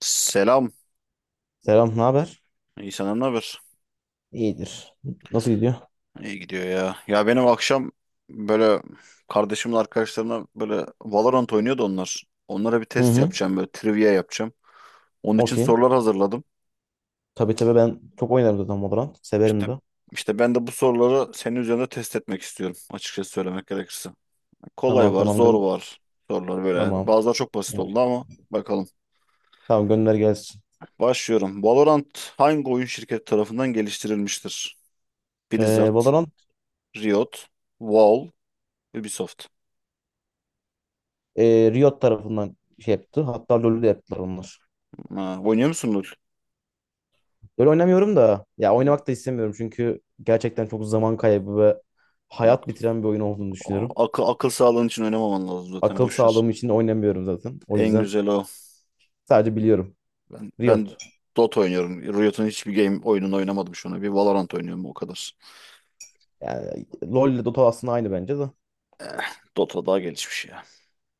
Selam. Selam, ne haber? İyi, senden ne haber? İyidir. Nasıl gidiyor? İyi gidiyor ya. Ya benim akşam böyle kardeşimin arkadaşlarına böyle Valorant oynuyordu onlar. Onlara bir Hı test hı. yapacağım böyle trivia yapacağım. Onun için Okey. sorular hazırladım. Tabii tabii ben çok oynarım zaten Valorant. İşte Severim de. işte ben de bu soruları senin üzerinde test etmek istiyorum, açıkçası söylemek gerekirse. Kolay Tamam var, tamam zor var, sorular böyle. tamam. Bazıları çok basit oldu ama bakalım. Tamam gönder gelsin. Başlıyorum. Valorant hangi oyun şirketi tarafından geliştirilmiştir? Blizzard, Valorant, Riot, Valve, Ubisoft. Riot tarafından şey yaptı. Hatta LoL'ü de yaptılar onlar. Ha, oynuyor musun LoL? LoL oynamıyorum da, ya oynamak da istemiyorum çünkü gerçekten çok zaman kaybı ve Yok. hayat bitiren bir oyun olduğunu A- düşünüyorum. Akıl, akıl sağlığın için oynamaman lazım zaten, Akıl boş ver. sağlığım için de oynamıyorum zaten. O En yüzden güzel o. sadece biliyorum. Ben Riot. Dota oynuyorum. Riot'un hiçbir game oyununu oynamadım şu ana. Bir Valorant oynuyorum, o kadar. Yani LoL ile Dota aslında aynı bence de. Eh, Dota daha gelişmiş ya.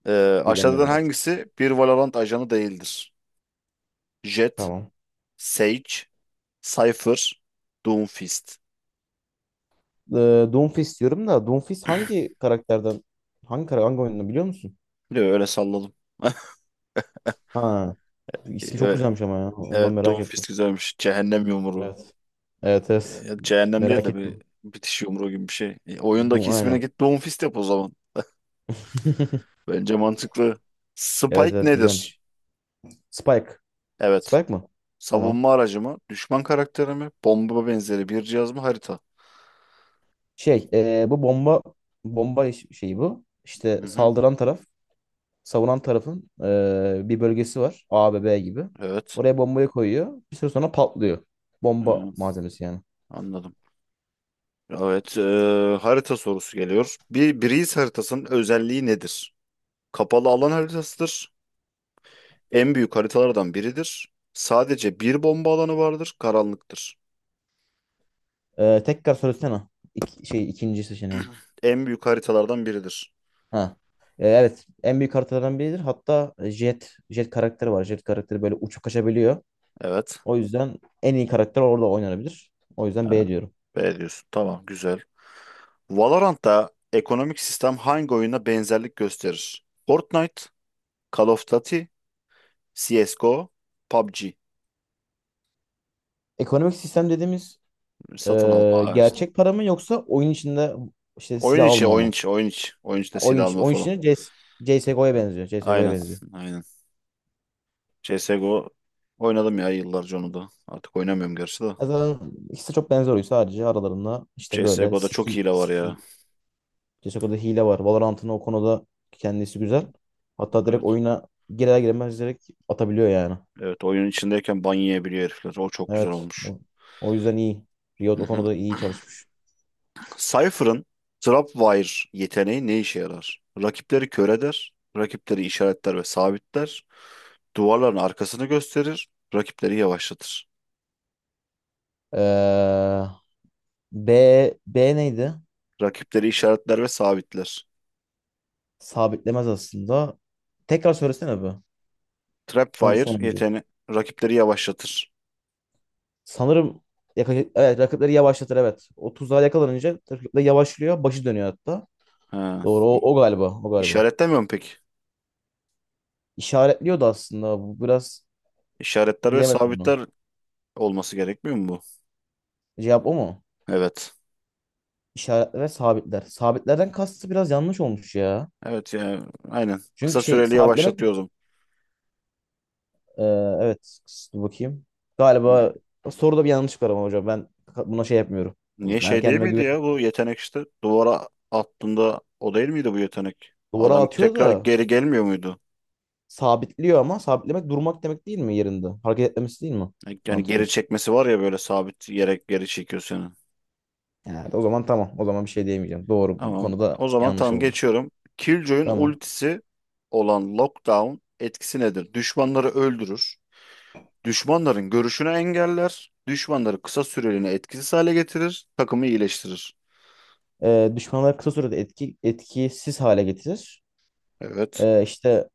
Ee, aşağıdan Bilemiyorum artık. hangisi bir Valorant ajanı değildir? Jett, Tamam. Sage, Cypher, Doomfist. e, Doomfist diyorum da, Doomfist hangi karakterden, hangi oyundan biliyor musun? Diyor, öyle salladım. Ha, ismi çok Evet, güzelmiş ama ya. Ondan evet merak ettim. Doomfist güzelmiş. Cehennem yumruğu. Evet. Evet, evet. Ya cehennem değil Merak de bir ettim. bitiş yumruğu gibi bir şey. E, oyundaki Bu ismine aynen. git Doomfist yap o zaman. Bence mantıklı. Evet, Spike evet nedir? güzelmiş. Spike. Evet. Spike mı? Tamam. Savunma aracı mı? Düşman karakteri mi? Bomba benzeri bir cihaz mı? Harita. Şey, bu şeyi bu. İşte, Hı hı. saldıran taraf, savunan tarafın, bir bölgesi var. A B B gibi. Evet. Oraya bombayı koyuyor. Bir süre sonra patlıyor. Bomba Hı, malzemesi yani. anladım. Evet. Harita sorusu geliyor. Bir Breeze haritasının özelliği nedir? Kapalı alan haritasıdır. En büyük haritalardan biridir. Sadece bir bomba alanı vardır. Karanlıktır. Tekrar söylesene. Şey ikinci seçeneği. En büyük haritalardan biridir. Ha. Evet. En büyük haritalardan biridir. Hatta, Jet karakteri var. Jet karakteri böyle uçup kaçabiliyor. Evet. O yüzden en iyi karakter orada oynanabilir. O yüzden B diyorum. B diyorsun. Tamam, güzel. Valorant'ta ekonomik sistem hangi oyuna benzerlik gösterir? Fortnite, Call of Duty, CSGO, PUBG. Ekonomik sistem dediğimiz, Satın alma ha işte. gerçek para mı, yoksa oyun içinde işte Oyun silah içi, alma oyun mı? içi, oyun içi. Oyun Ha, içinde silah alma oyun falan. içinde CSGO'ya benziyor. CSGO'ya Aynen, benziyor. aynen. CSGO oynadım ya yıllarca onu da. Artık oynamıyorum gerçi de. Ya zaten ikisi de çok benzer oyun. Sadece aralarında işte böyle CSGO'da çok skin, hile var ya. skin. CSGO'da hile var. Valorant'ın o konuda kendisi güzel. Hatta direkt Evet. oyuna girer giremez direkt atabiliyor yani. Evet, oyun içindeyken ban yiyebiliyor herifler. O çok güzel Evet. olmuş. O yüzden iyi. Riot Hı o hı. konuda iyi çalışmış. Cypher'ın Trapwire yeteneği ne işe yarar? Rakipleri kör eder, rakipleri işaretler ve sabitler, duvarların arkasını gösterir, rakipleri yavaşlatır. Ee, B, B neydi? Rakipleri işaretler ve sabitler. Sabitlemez aslında. Tekrar söylesene bu. Son, Trapwire sonuncu. yeteneği rakipleri yavaşlatır. Sanırım evet, rakipleri yavaşlatır, evet. O tuzağa yakalanınca rakipler yavaşlıyor. Başı dönüyor hatta. Ha. Doğru, i- o galiba. O galiba. İşaretlemiyor mu peki? İşaretliyordu aslında. Bu biraz İşaretler ve bilemedim bunu. sabitler olması gerekmiyor mu bu? Cevap o mu? Evet. İşaretler ve sabitler. Sabitlerden kastı biraz yanlış olmuş ya. Evet, yani aynen. Kısa Çünkü şey, süreli sabitlemek, yavaşlatıyordum. e, evet, dur bakayım. Galiba soruda bir yanlışlık var ama hocam ben buna şey yapmıyorum. Niye Ben şey değil kendime miydi ya güveniyorum. bu yetenek işte? Duvara attığında o değil miydi bu yetenek? Duvara Adam atıyor tekrar da geri gelmiyor muydu? sabitliyor ama sabitlemek durmak demek değil mi yerinde? Hareket etmemesi değil mi? Yani geri Mantıklı. çekmesi var ya, böyle sabit yere geri çekiyor seni. Evet, o zaman tamam. O zaman bir şey diyemeyeceğim. Doğru, bu Tamam. konuda O zaman yanlış tamam, oldu. geçiyorum. Killjoy'un Tamam. ultisi olan Lockdown etkisi nedir? Düşmanları öldürür. Düşmanların görüşünü engeller. Düşmanları kısa süreliğine etkisiz hale getirir. Takımı iyileştirir. Düşmanları kısa sürede etkisiz hale getirir. Evet. İşte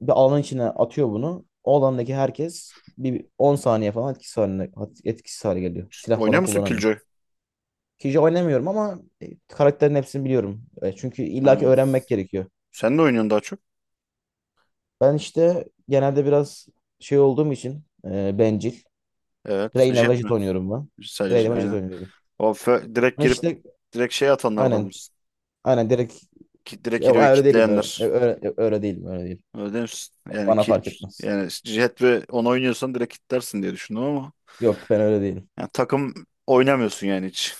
bir alanın içine atıyor bunu. O alandaki herkes bir 10 saniye falan etkisiz hale geliyor. Silah Oynuyor falan musun kullanamıyor. Killjoy? Kişi oynamıyorum ama, karakterin hepsini biliyorum. Çünkü illaki Ha. öğrenmek gerekiyor. Sen de oynuyorsun daha çok. Ben işte genelde biraz şey olduğum için, bencil. Evet. Reyna Jet Vejit mi? oynuyorum ben. Sadece. Reyna Vejit oynuyorum. O direkt Ama girip işte, direkt şey atanlardan aynen mısın? aynen direkt. Ki, direkt Ya, hero'yu öyle değilim, öyle, kitleyenler. öyle, öyle değilim, öyle değil. Öyle değil misin? Yani Bana kill, fark etmez. yani Jet ve onu oynuyorsan direkt kitlersin diye düşündüm ama Yok, ben öyle değilim. yani takım oynamıyorsun yani hiç.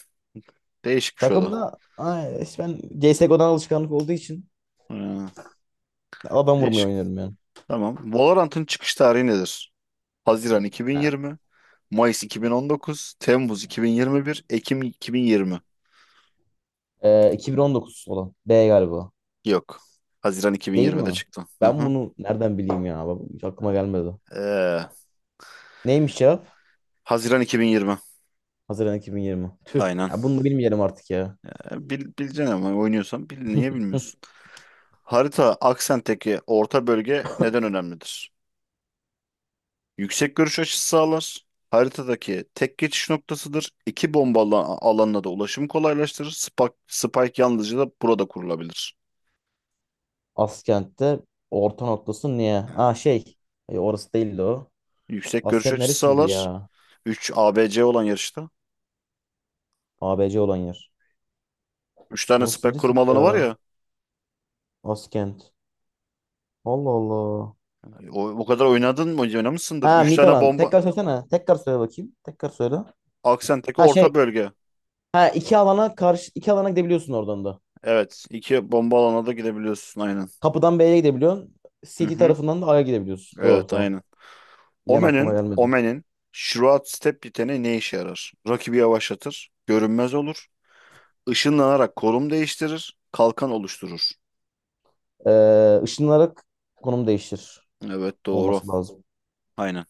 Değişikmiş o da. Takımda ay, işte ben CSGO'dan alışkanlık olduğu için Ha, adam vurmayı değişik. oynuyorum yani. Tamam. Valorant'ın çıkış tarihi nedir? Haziran Ha. 2020, Mayıs 2019, Temmuz 2021, Ekim 2020. 2019 olan. B galiba. Yok. Haziran Değil 2020'de mi? çıktı. Hı Ben hı. bunu nereden bileyim ya? Bak, hiç aklıma gelmedi. Ee, Neymiş cevap? Haziran 2020. Haziran 2020. Tüh. Aynen. Ya bunu da bilmeyelim artık ya. Bileceksin ama oynuyorsan bil, niye bilmiyorsun? Harita aksentteki orta bölge neden önemlidir? Yüksek görüş açısı sağlar. Haritadaki tek geçiş noktasıdır. İki bomba alanına da ulaşım kolaylaştırır. Spike, Spike yalnızca da burada kurulabilir. Askent'te orta noktası niye? Ha, şey. Orası değildi o. Yüksek görüş Askent açısı neresiydi sağlar. ya? 3 ABC olan yarışta. A B C olan yer. Üç tane Orası spike neresiydi kurma alanı var ya? ya. Askent. Allah Allah. O, o kadar oynadın mı? Oynamışsındır. Ha, 3 tane Mitalan. bomba. Tekrar söylesene. Tekrar söyle bakayım. Tekrar söyle. Aksentteki Ha şey. orta bölge. Ha, iki alana karşı iki alana gidebiliyorsun oradan da. Evet. 2 bomba alanına da gidebiliyorsun. Aynen. Kapıdan B'ye gidebiliyorsun. Hı City hı. tarafından da A'ya gidebiliyorsun. Doğru, Evet, tamam. aynen. Yan aklıma Omen'in gelmedi. Omen'in Shroud Step yeteneği ne işe yarar? Rakibi yavaşlatır, görünmez olur, ışınlanarak konum değiştirir, kalkan oluşturur. Işınlanarak konum değiştir Evet, doğru. olması lazım. Aynen.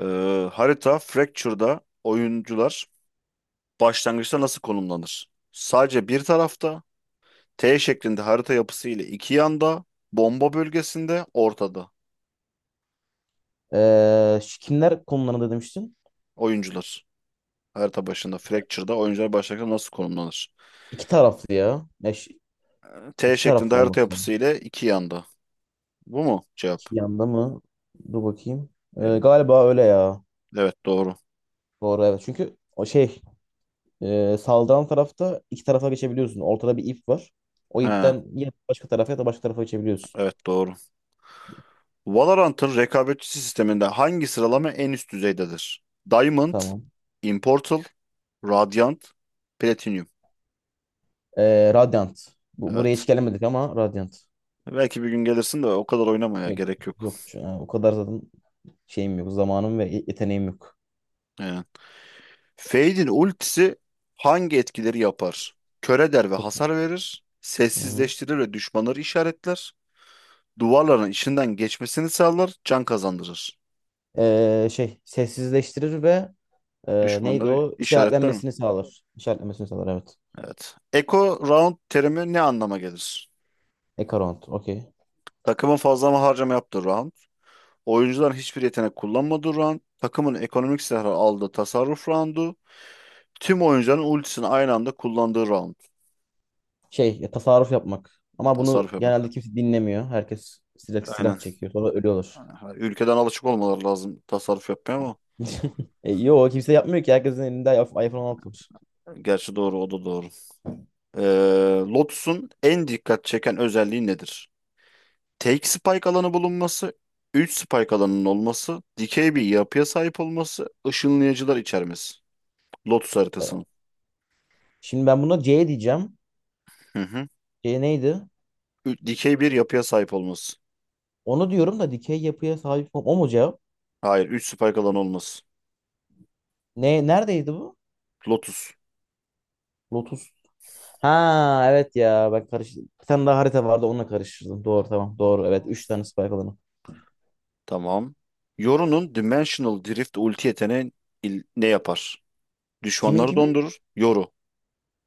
Ee, Harita Fracture'da oyuncular başlangıçta nasıl konumlanır? Sadece bir tarafta, T şeklinde harita yapısı ile iki yanda, bomba bölgesinde, ortada. Şu kimler konularında demiştin? Oyuncular. Harita başında Fracture'da oyuncular başlangıçta nasıl konumlanır? İki taraflı ya. Ya, T iki şeklinde taraflı harita olması yapısı lazım. ile iki yanda. Bu mu cevap? İki yanda mı? Dur bakayım. Ee, Ee, galiba öyle ya. Evet, doğru. Doğru evet. Çünkü o şey, saldıran tarafta iki tarafa geçebiliyorsun. Ortada bir ip var. O Ha, ipten ya başka tarafa ya da başka tarafa geçebiliyorsun. evet, doğru. Valorant'ın rekabetçi sisteminde hangi sıralama en üst düzeydedir? Diamond, Tamam. Immortal, Radiant, Platinum. Radiant. Buraya Evet. hiç gelemedik ama Radiant. Belki bir gün gelirsin de o kadar oynamaya Yok, gerek yok. yok. Ha, o kadar zaten şeyim yok. Zamanım ve yeteneğim yok. Aynen. Fade'in ultisi hangi etkileri yapar? Kör eder ve Çok. hasar verir. Hı-hı. Sessizleştirir ve düşmanları işaretler. Duvarların içinden geçmesini sağlar, can kazandırır. Şey sessizleştirir ve, neydi Düşmanları o? işaretler mi? İşaretlenmesini sağlar. İşaretlenmesini sağlar, evet. Evet. Echo round terimi ne anlama gelir? Ekaront. Okey. Takımın fazla mı harcama yaptığı round. Oyuncuların hiçbir yetenek kullanmadığı round. Takımın ekonomik silahı aldığı tasarruf roundu. Tüm oyuncuların ultisini aynı anda kullandığı round. Şey ya, tasarruf yapmak. Ama Tasarruf bunu yapmak. genelde kimse dinlemiyor. Herkes silah, Aynen. silah çekiyor. Sonra ölüyorlar. Ha, ülkeden alışık olmaları lazım tasarruf yapmaya ama. Yo, kimse yapmıyor ki. Herkesin elinde iPhone 16 Gerçi doğru, o da doğru. Lotus'un en dikkat çeken özelliği nedir? Tek spike alanı bulunması, 3 spike alanının olması, dikey bir yapıya sahip olması, ışınlayıcılar içermesi. Lotus var. haritasının. Şimdi ben buna C diyeceğim. Hı hı. C neydi? Dikey bir yapıya sahip olması. Onu diyorum da, dikey yapıya sahip, o mu cevap? Hayır, 3 spike alan olmaz. Neredeydi bu? Lotus. Lotus. Ha, evet ya, bak karıştırdım. Bir tane daha harita vardı, onunla karıştırdım. Doğru tamam, doğru evet. Üç Of. tane spike alanı. Tamam. Yoru'nun Dimensional Drift ulti yeteneği ne yapar? Kimin Düşmanları kimin? dondurur. Yoru.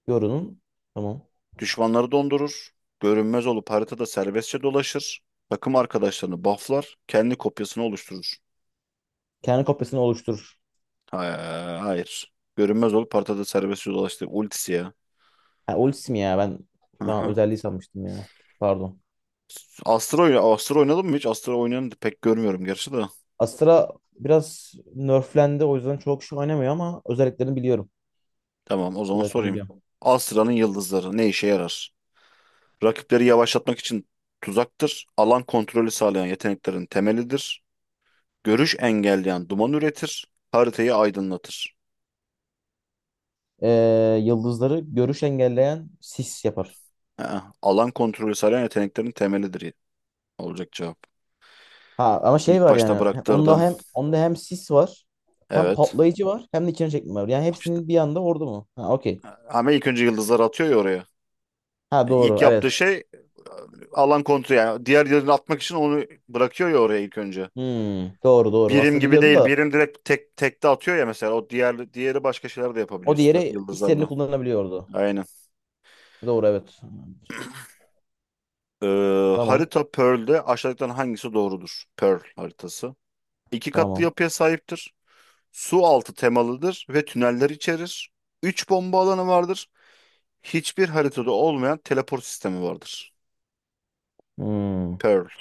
Yoru'nun. Tamam. Düşmanları dondurur. Görünmez olup haritada serbestçe dolaşır. Takım arkadaşlarını bufflar. Kendi kopyasını oluşturur. Kendi kopyasını oluşturur. Ha, hayır. Görünmez olup haritada serbestçe dolaştı. Ultisi ya. Ha, ultisi mi ya, ben Hı tamam hı. özelliği sanmıştım ya. Pardon. Astro, Astro oynadın mı hiç? Astro oynayanı pek görmüyorum gerçi de. Astra biraz nerflendi, o yüzden çok şey oynamıyor ama özelliklerini biliyorum. Tamam, o zaman Özelliklerini sorayım. biliyorum. Astra'nın yıldızları ne işe yarar? Rakipleri yavaşlatmak için tuzaktır. Alan kontrolü sağlayan yeteneklerin temelidir. Görüş engelleyen duman üretir. Haritayı aydınlatır. Yıldızları görüş engelleyen sis yapar. Ha, alan kontrolü sağlayan yeteneklerin temelidir olacak cevap. Ha, ama şey İlk var başta yani. Onda bıraktırdın. hem, onda hem sis var. Hem Evet. patlayıcı var. Hem de içine çekme var. Yani İşte hepsinin bir anda vurdu mu? Ha, okey. ama ilk önce yıldızlar atıyor ya oraya. Ha, İlk doğru yaptığı evet. şey, alan kontrolü, yani diğer yıldızı atmak için onu bırakıyor ya oraya ilk önce. Hmm, doğru doğru. Birim Aslında gibi biliyordum değil. da, Birim direkt tek tekte atıyor ya mesela. O diğer diğeri başka şeyler de yapabiliyor o diğeri istediğini yıldızlarla. kullanabiliyordu. Aynen. Doğru evet. Tamam. Harita Pearl'de aşağıdakilerin hangisi doğrudur? Pearl haritası. İki katlı Tamam. yapıya sahiptir. Su altı temalıdır ve tüneller içerir. Üç bomba alanı vardır. Hiçbir haritada olmayan teleport sistemi vardır. Hmm. Pearl.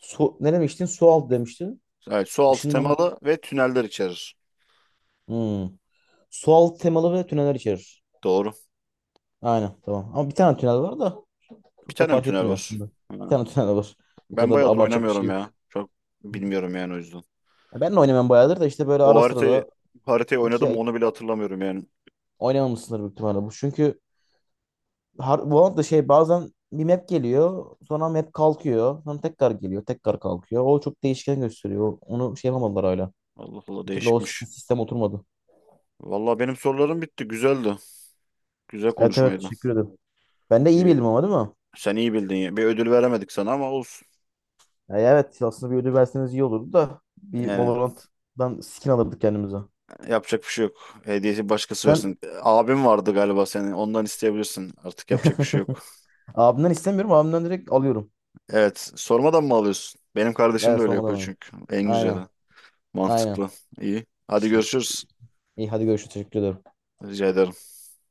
Su, ne demiştin? Su altı demiştin. Evet, su altı Işınlan... temalı ve tüneller içerir. Hmm. Su altı temalı ve tüneller içerir. Doğru. Aynen tamam. Ama bir tane tünel var da, Bir çok da tane mi fark tünel etmiyor var? aslında. Ha. Bir tane tünel var. O Ben kadar da bayağıdır abartacak bir şey oynamıyorum ya. yok. Çok bilmiyorum yani, o yüzden. Ya ben de oynamam bayağıdır da, işte böyle O ara sıra haritayı, da, haritayı iki oynadım mı ay onu bile hatırlamıyorum yani. oynamamışsındır büyük ihtimalle bu. Çünkü Valorant da şey, bazen bir map geliyor, sonra map kalkıyor, sonra tekrar geliyor, tekrar kalkıyor. O çok değişken gösteriyor. Onu şey yapamadılar hala. Allah Allah, Bir türlü o değişikmiş. sistem oturmadı. Vallahi benim sorularım bitti. Güzeldi. Güzel Evet evet, konuşmaydı. teşekkür ederim. Ben de iyi Bir, bildim ama, değil mi? Sen iyi bildin ya. Bir ödül veremedik sana ama olsun. Yani evet, aslında bir ödül verseniz iyi olurdu da, bir Yani Valorant'dan skin alırdık kendimize. yapacak bir şey yok. Hediyesi başkası Sen. versin. Abim vardı galiba senin. Ondan isteyebilirsin. Artık yapacak bir şey yok. Abimden istemiyorum, abimden direkt alıyorum. Evet. Sormadan mı alıyorsun? Benim kardeşim de Evet, öyle sormadan yapıyor alıyorum. çünkü. En güzeli. Aynen aynen. Mantıklı. İyi. Hadi İşte görüşürüz. iyi, hadi görüşürüz, teşekkür ederim. Rica ederim.